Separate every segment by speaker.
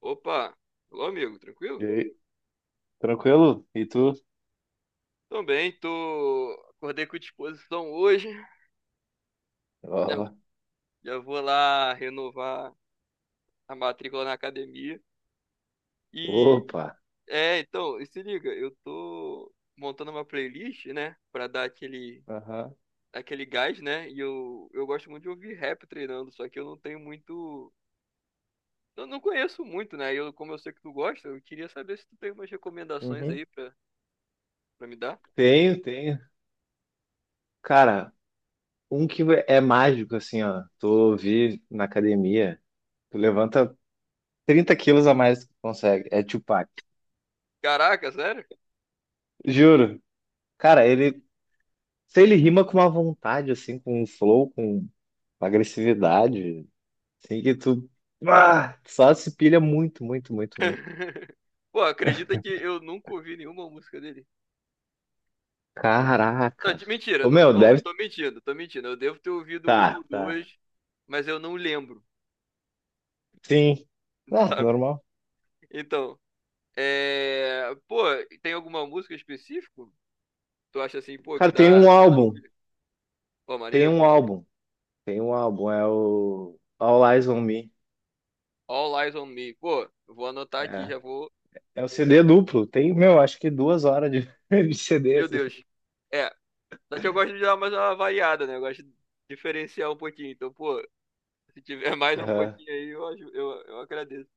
Speaker 1: Opa, alô amigo,
Speaker 2: E
Speaker 1: tranquilo?
Speaker 2: aí, tranquilo? E tu?
Speaker 1: Também tô. Acordei com disposição hoje. Já
Speaker 2: Ó,
Speaker 1: já vou lá renovar a matrícula na academia. E
Speaker 2: opa.
Speaker 1: então, se liga, eu tô montando uma playlist, né, pra dar aquele
Speaker 2: Aham.
Speaker 1: aquele gás, né? E eu gosto muito de ouvir rap treinando, só que eu não tenho muito. Eu não conheço muito, né? Como eu sei que tu gosta, eu queria saber se tu tem umas recomendações
Speaker 2: Uhum.
Speaker 1: aí pra, pra me dar.
Speaker 2: Tenho, tenho. Cara, um que é mágico, assim, ó. Tu vi na academia, tu levanta 30 quilos a mais do que tu consegue. É Tupac.
Speaker 1: Caraca, sério?
Speaker 2: Juro. Cara, se ele rima com uma vontade, assim, com um flow, com uma agressividade, assim, que tu, ah, só se pilha muito, muito, muito, muito.
Speaker 1: Pô, acredita que eu nunca ouvi nenhuma música dele? Não,
Speaker 2: Caraca.
Speaker 1: mentira,
Speaker 2: Ô,
Speaker 1: não,
Speaker 2: meu,
Speaker 1: não,
Speaker 2: deve.
Speaker 1: tô mentindo, tô mentindo. Eu devo ter ouvido uma
Speaker 2: Tá,
Speaker 1: ou
Speaker 2: tá.
Speaker 1: duas, mas eu não lembro,
Speaker 2: Sim. Ah,
Speaker 1: sabe?
Speaker 2: normal.
Speaker 1: Então, pô, tem alguma música específica? Tu acha assim, pô,
Speaker 2: Cara,
Speaker 1: que dá aquela... Pô,
Speaker 2: tem
Speaker 1: maneiro?
Speaker 2: um álbum, tem um álbum, é o All Eyes on Me.
Speaker 1: All Eyes on Me. Pô, eu vou anotar aqui,
Speaker 2: É,
Speaker 1: já vou...
Speaker 2: é o CD
Speaker 1: eu-
Speaker 2: duplo, tem, meu, acho que 2 horas de, de CD,
Speaker 1: Meu
Speaker 2: assim.
Speaker 1: Deus. É, só que eu gosto de dar mais uma variada, né? Eu gosto de diferenciar um pouquinho. Então, pô, se tiver mais um
Speaker 2: Aham.
Speaker 1: pouquinho aí, eu agradeço.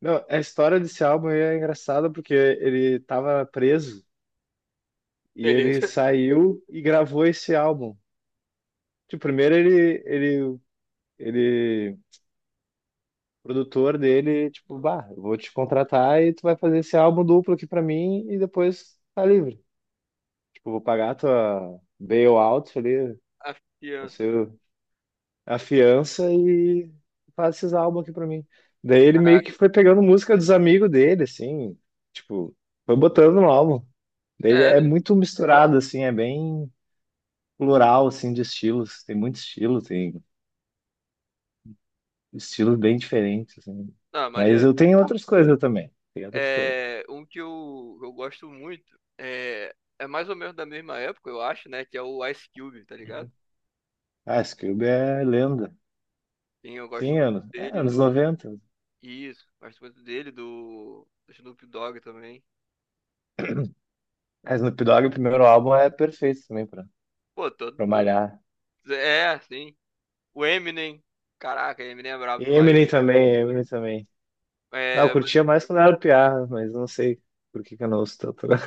Speaker 2: Não, a história desse álbum aí é engraçada porque ele tava preso e ele
Speaker 1: Beleza.
Speaker 2: saiu e gravou esse álbum. Tipo, primeiro ele, o produtor dele, tipo, bah, eu vou te contratar e tu vai fazer esse álbum duplo aqui pra mim e depois tá livre. Tipo, vou pagar a tua bailout ali.
Speaker 1: A fiança.
Speaker 2: Você afiança e faz esses álbuns aqui pra mim. Daí ele meio que foi pegando música dos amigos dele, assim, tipo, foi botando no álbum. Daí ele
Speaker 1: É,
Speaker 2: é
Speaker 1: né?
Speaker 2: muito misturado, assim, é bem plural, assim, de estilos. Tem muito estilo, tem estilos bem diferentes, assim.
Speaker 1: Ah,
Speaker 2: Mas
Speaker 1: maneiro.
Speaker 2: eu tenho outras coisas também, tem outras coisas.
Speaker 1: É, um que eu gosto muito é, é mais ou menos da mesma época, eu acho, né? Que é o Ice Cube, tá ligado?
Speaker 2: Ah, Scooby é lenda.
Speaker 1: Sim, eu gosto
Speaker 2: Sim,
Speaker 1: muito dele,
Speaker 2: anos
Speaker 1: do.
Speaker 2: 90.
Speaker 1: Isso, gosto muito dele, do, do Snoop Dogg também.
Speaker 2: Mas no Dogg, o primeiro álbum é perfeito também pra,
Speaker 1: Pô, todo.
Speaker 2: pra
Speaker 1: todo-
Speaker 2: malhar.
Speaker 1: É, sim. O Eminem. Caraca, Eminem é brabo
Speaker 2: E
Speaker 1: demais.
Speaker 2: Eminem também, Eminem também. Ah, eu
Speaker 1: É, mas,
Speaker 2: curtia mais quando era piá, mas não sei por que que eu não ouço tanto agora.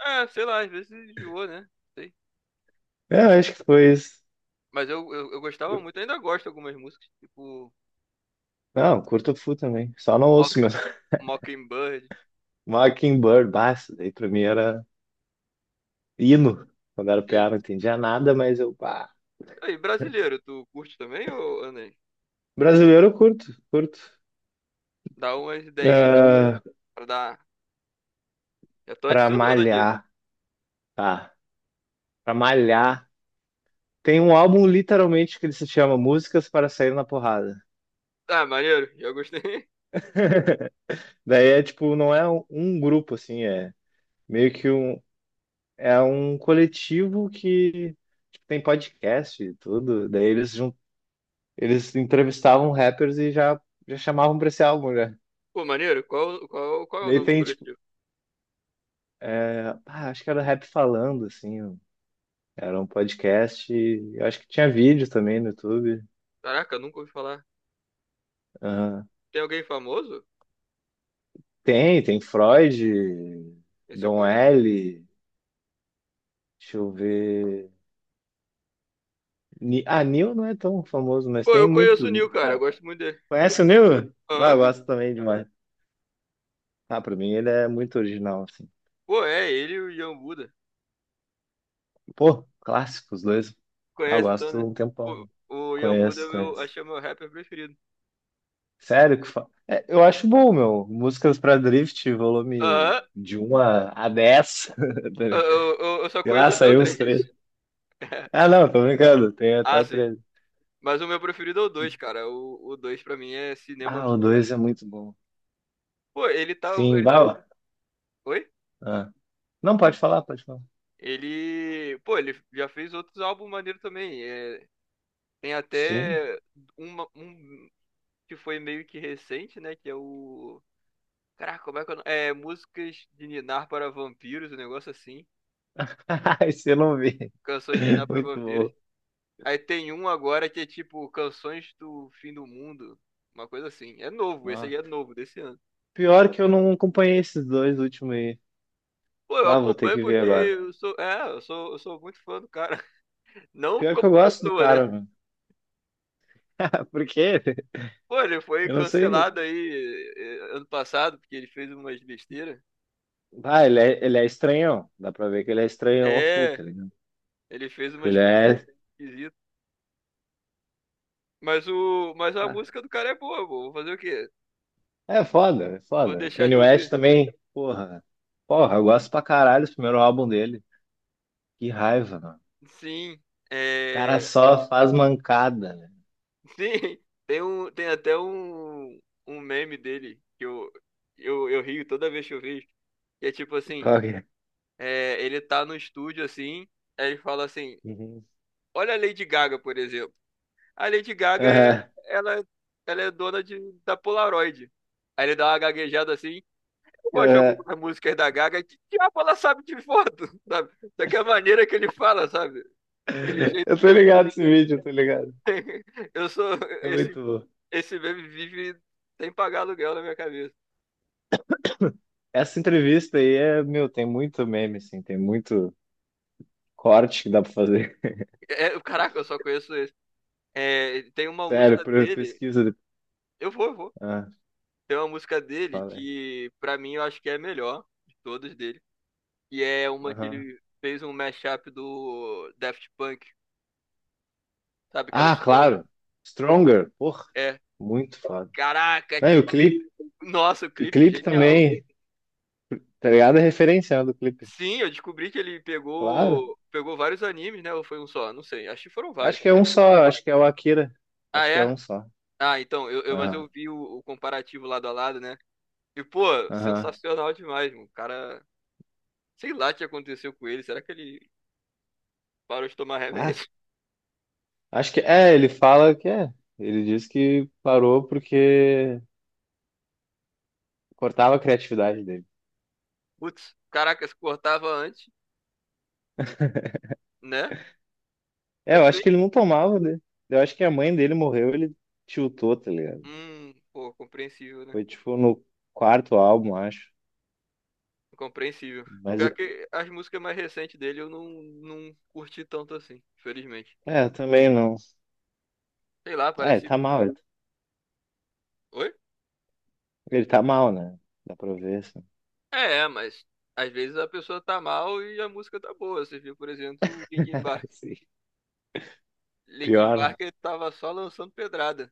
Speaker 1: é, sei lá, às vezes enjoou, né? Sei.
Speaker 2: É, eu acho que foi isso.
Speaker 1: Mas eu gostava muito, ainda gosto de algumas músicas, tipo
Speaker 2: Não, curto Fu também. Só não ouço
Speaker 1: Mocking,
Speaker 2: mesmo.
Speaker 1: Mockingbird.
Speaker 2: Mockingbird, bah, isso daí pra mim era hino. Quando era piá,
Speaker 1: Sim.
Speaker 2: não entendia nada, mas eu, pá.
Speaker 1: E brasileiro, tu curte também, ô André?
Speaker 2: Brasileiro eu curto, curto.
Speaker 1: Dá umas ideias aí tu-
Speaker 2: Ah,
Speaker 1: pra dar. Já tô
Speaker 2: pra
Speaker 1: adicionando aqui.
Speaker 2: malhar, tá. Pra malhar. Tem um álbum literalmente que ele se chama Músicas para Sair na Porrada.
Speaker 1: Ah, maneiro, já gostei.
Speaker 2: Daí é tipo, não é um grupo assim, meio que um, é um coletivo que tipo, tem podcast e tudo. Daí eles entrevistavam rappers e já chamavam pra esse álbum, né?
Speaker 1: Pô, maneiro, qual é o
Speaker 2: Daí
Speaker 1: nome do
Speaker 2: tem, tipo,
Speaker 1: coletivo?
Speaker 2: é, ah, acho que era Rap Falando, assim. Era um podcast e eu acho que tinha vídeo também no YouTube.
Speaker 1: Caraca, nunca ouvi falar.
Speaker 2: Aham.
Speaker 1: Tem alguém famoso?
Speaker 2: Tem Freud,
Speaker 1: Esse eu
Speaker 2: Dom
Speaker 1: conheço.
Speaker 2: L. Deixa eu ver. Ah, Nil não é tão famoso, mas
Speaker 1: Pô,
Speaker 2: tem
Speaker 1: eu conheço o
Speaker 2: muito.
Speaker 1: Nil, cara, eu
Speaker 2: Cara,
Speaker 1: gosto muito dele.
Speaker 2: conhece o Nil? Vai, eu
Speaker 1: Aham.
Speaker 2: gosto também demais. Ah, pra mim ele é muito original, assim.
Speaker 1: Pô, é, ele e o Ian Buda.
Speaker 2: Pô, clássico, os dois. Ah,
Speaker 1: Conhece então,
Speaker 2: gosto
Speaker 1: né?
Speaker 2: um tempão,
Speaker 1: Pô,
Speaker 2: né?
Speaker 1: o Ian Buda é
Speaker 2: Conheço,
Speaker 1: o meu,
Speaker 2: conheço.
Speaker 1: acho que é o meu rapper preferido.
Speaker 2: Sério que é, eu acho bom, meu. Músicas pra Drift, volume
Speaker 1: Aham,
Speaker 2: de 1 a 10.
Speaker 1: eu, eu só
Speaker 2: Sei lá,
Speaker 1: conheço até o
Speaker 2: saiu uns
Speaker 1: 3.
Speaker 2: três. Ah, não, tô brincando. Tem até
Speaker 1: Ah,
Speaker 2: o
Speaker 1: sim.
Speaker 2: 13.
Speaker 1: Mas o meu preferido é o 2, cara. O 2 pra mim é cinema
Speaker 2: Ah, o
Speaker 1: absoluto.
Speaker 2: 2 é muito bom.
Speaker 1: Pô, ele tá.
Speaker 2: Sim,
Speaker 1: ele-
Speaker 2: bala.
Speaker 1: Oi?
Speaker 2: Ah. Não, pode falar, pode falar.
Speaker 1: Ele. Pô, ele já fez outros álbuns maneiro também. É, tem
Speaker 2: Sim.
Speaker 1: até um que foi meio que recente, né? Que é o. Caraca, como é que é o nome? É Músicas de Ninar para Vampiros, um negócio assim.
Speaker 2: Esse eu não vi.
Speaker 1: Canções de Ninar para
Speaker 2: Muito
Speaker 1: Vampiros.
Speaker 2: bom.
Speaker 1: Aí tem um agora que é tipo Canções do Fim do Mundo. Uma coisa assim. É novo, esse aí é
Speaker 2: Nossa.
Speaker 1: novo desse ano.
Speaker 2: Pior que eu não acompanhei esses dois últimos aí.
Speaker 1: Pô, eu
Speaker 2: Ah, vou ter
Speaker 1: acompanho
Speaker 2: que ver
Speaker 1: porque
Speaker 2: agora.
Speaker 1: eu sou. É, eu sou muito fã do cara. Não
Speaker 2: Pior
Speaker 1: como
Speaker 2: que eu gosto do
Speaker 1: pessoa,
Speaker 2: cara,
Speaker 1: né?
Speaker 2: meu. Por quê?
Speaker 1: Pô, ele foi
Speaker 2: Eu não sei.
Speaker 1: cancelado aí ano passado, porque ele fez umas besteiras.
Speaker 2: Ah, ele é estranhão. Dá pra ver que ele é estranhão ao full,
Speaker 1: É,
Speaker 2: tá ligado?
Speaker 1: ele fez
Speaker 2: Tipo,
Speaker 1: umas
Speaker 2: ele
Speaker 1: coisas
Speaker 2: é.
Speaker 1: esquisitas. Mas a
Speaker 2: Ah,
Speaker 1: música do cara é boa, pô. Vou fazer o quê?
Speaker 2: é foda, é
Speaker 1: Vou
Speaker 2: foda.
Speaker 1: deixar de
Speaker 2: Kanye West
Speaker 1: ouvir.
Speaker 2: também, porra. Porra, eu gosto pra caralho do primeiro álbum dele. Que raiva, mano.
Speaker 1: Sim,
Speaker 2: O cara
Speaker 1: é,
Speaker 2: só faz mancada, né?
Speaker 1: sim. Tem até um, um meme dele que eu rio toda vez que eu vejo. Que é tipo assim,
Speaker 2: Qual que é?
Speaker 1: é, ele tá no estúdio assim, aí ele fala assim,
Speaker 2: Uhum.
Speaker 1: olha a Lady Gaga, por exemplo. A Lady Gaga é,
Speaker 2: Aham,
Speaker 1: ela, ela é dona de, da Polaroid. Aí ele dá uma gaguejada assim. Eu gosto de
Speaker 2: aham.
Speaker 1: algumas músicas da Gaga. Que diabo ela sabe de foto, sabe? Daquela maneira que ele fala, sabe? Aquele
Speaker 2: Eu
Speaker 1: jeito
Speaker 2: tô
Speaker 1: que ele
Speaker 2: ligado esse vídeo, eu tô ligado.
Speaker 1: tem. Eu sou.
Speaker 2: É
Speaker 1: Esse,
Speaker 2: muito bom.
Speaker 1: esse meme vive sem pagar aluguel na minha cabeça.
Speaker 2: Essa entrevista aí é, meu, tem muito meme, assim, tem muito corte que dá pra fazer.
Speaker 1: Caraca, eu só conheço esse. É, tem uma
Speaker 2: Sério,
Speaker 1: música dele.
Speaker 2: pesquisa.
Speaker 1: Eu vou.
Speaker 2: Ah,
Speaker 1: Tem uma música dele
Speaker 2: fala aí.
Speaker 1: que, pra mim, eu acho que é a melhor de todas dele. E é uma que
Speaker 2: Aham.
Speaker 1: ele fez um mashup do Daft Punk, sabe? Aquela
Speaker 2: Ah,
Speaker 1: Stronger.
Speaker 2: claro. Stronger. Porra,
Speaker 1: É.
Speaker 2: muito foda.
Speaker 1: Caraca,
Speaker 2: Não, e
Speaker 1: aquele. Nossa, o
Speaker 2: o
Speaker 1: clipe
Speaker 2: clipe
Speaker 1: genial.
Speaker 2: também, tá ligado? É referenciando o clipe.
Speaker 1: Sim, eu descobri que ele
Speaker 2: Claro.
Speaker 1: pegou vários animes, né? Ou foi um só? Não sei. Acho que foram
Speaker 2: Acho
Speaker 1: vários.
Speaker 2: que é um só, acho que é o Akira.
Speaker 1: Ah,
Speaker 2: Acho que é
Speaker 1: é?
Speaker 2: um só.
Speaker 1: Ah, então, mas
Speaker 2: Aham,
Speaker 1: eu vi o comparativo lado a lado, né? E, pô,
Speaker 2: aham.
Speaker 1: sensacional demais, mano. O cara, sei lá o que aconteceu com ele. Será que ele parou de tomar
Speaker 2: Ah,
Speaker 1: remédio?
Speaker 2: acho que é, ele fala que é. Ele diz que parou porque cortava a criatividade dele.
Speaker 1: Putz, caraca, se cortava antes, né?
Speaker 2: É,
Speaker 1: Mas
Speaker 2: eu
Speaker 1: se bem.
Speaker 2: acho que ele não tomava, né? Eu acho que a mãe dele morreu, ele tiltou, tá ligado?
Speaker 1: Pô, compreensível, né?
Speaker 2: Foi tipo no quarto álbum, acho.
Speaker 1: Compreensível.
Speaker 2: Mas
Speaker 1: Pior
Speaker 2: o-
Speaker 1: que as músicas mais recentes dele eu não curti tanto assim, infelizmente.
Speaker 2: é, eu também não.
Speaker 1: Sei lá,
Speaker 2: É,
Speaker 1: parece.
Speaker 2: tá mal.
Speaker 1: Oi?
Speaker 2: Ele tá mal, né? Dá pra ver, assim.
Speaker 1: Mas às vezes a pessoa tá mal e a música tá boa. Você viu, por exemplo, o Linkin Park.
Speaker 2: Assim.
Speaker 1: Linkin
Speaker 2: Pior, né?
Speaker 1: Park ele tava só lançando pedrada.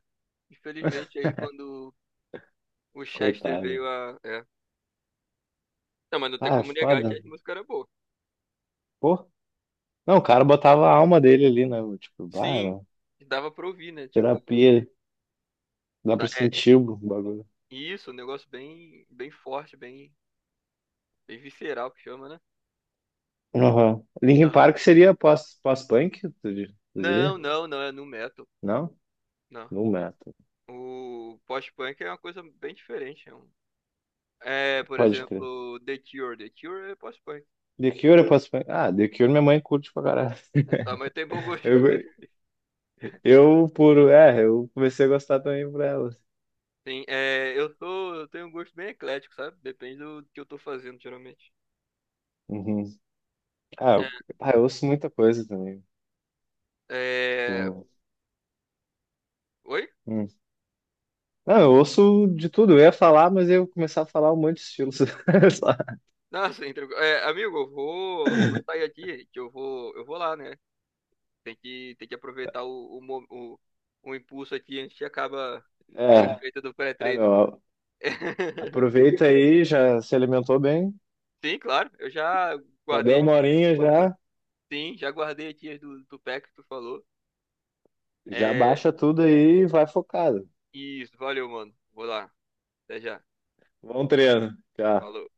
Speaker 1: Infelizmente, aí quando o Chester
Speaker 2: Coitado.
Speaker 1: veio a. É. Não, mas não tem
Speaker 2: Ah, é
Speaker 1: como negar que
Speaker 2: foda.
Speaker 1: as músicas eram boas.
Speaker 2: Pô. Não, o cara botava a alma dele ali, né? Tipo, bah,
Speaker 1: Sim,
Speaker 2: era
Speaker 1: dava pra ouvir, né? Tipo,
Speaker 2: terapia. Dá pra
Speaker 1: é
Speaker 2: sentir o bagulho.
Speaker 1: isso, um negócio bem, bem forte, bem, bem visceral que chama, né?
Speaker 2: Aham. Linkin
Speaker 1: Ah,
Speaker 2: Park seria pós-punk, tu
Speaker 1: não,
Speaker 2: diria?
Speaker 1: não, não, é nu metal.
Speaker 2: Não?
Speaker 1: Não.
Speaker 2: No metal.
Speaker 1: O post-punk é uma coisa bem diferente. É, é, por
Speaker 2: Pode crer.
Speaker 1: exemplo, The Cure. The Cure é post-punk.
Speaker 2: The Cure é pós-punk. Ah, The Cure minha mãe curte pra caralho.
Speaker 1: É, tá, mas tem bom gosto.
Speaker 2: Eu, É, eu comecei a gostar também por ela.
Speaker 1: Sim, é, eu tenho um gosto bem eclético, sabe? Depende do que eu tô fazendo, geralmente.
Speaker 2: Uhum. Ah,
Speaker 1: É,
Speaker 2: eu ouço muita coisa também.
Speaker 1: é,
Speaker 2: Tipo...
Speaker 1: Oi?
Speaker 2: hum, Não, eu ouço de tudo. Eu ia falar, mas eu ia começar a falar um monte de estilos.
Speaker 1: Nossa, entregou. É, amigo, eu vou sair aqui, que eu vou lá, né? Tem que aproveitar o impulso aqui antes que acaba o
Speaker 2: É,
Speaker 1: efeito do
Speaker 2: é,
Speaker 1: pré-treino.
Speaker 2: meu. Aproveita aí, já se alimentou bem.
Speaker 1: Sim, claro. Eu já
Speaker 2: Já deu
Speaker 1: guardei
Speaker 2: uma
Speaker 1: aqui.
Speaker 2: horinha já.
Speaker 1: Sim, já guardei aqui as do, do pack que tu falou.
Speaker 2: Já
Speaker 1: É,
Speaker 2: baixa tudo aí e vai focado.
Speaker 1: isso, valeu, mano. Vou lá. Até já.
Speaker 2: Bom treino. Tchau.
Speaker 1: Falou.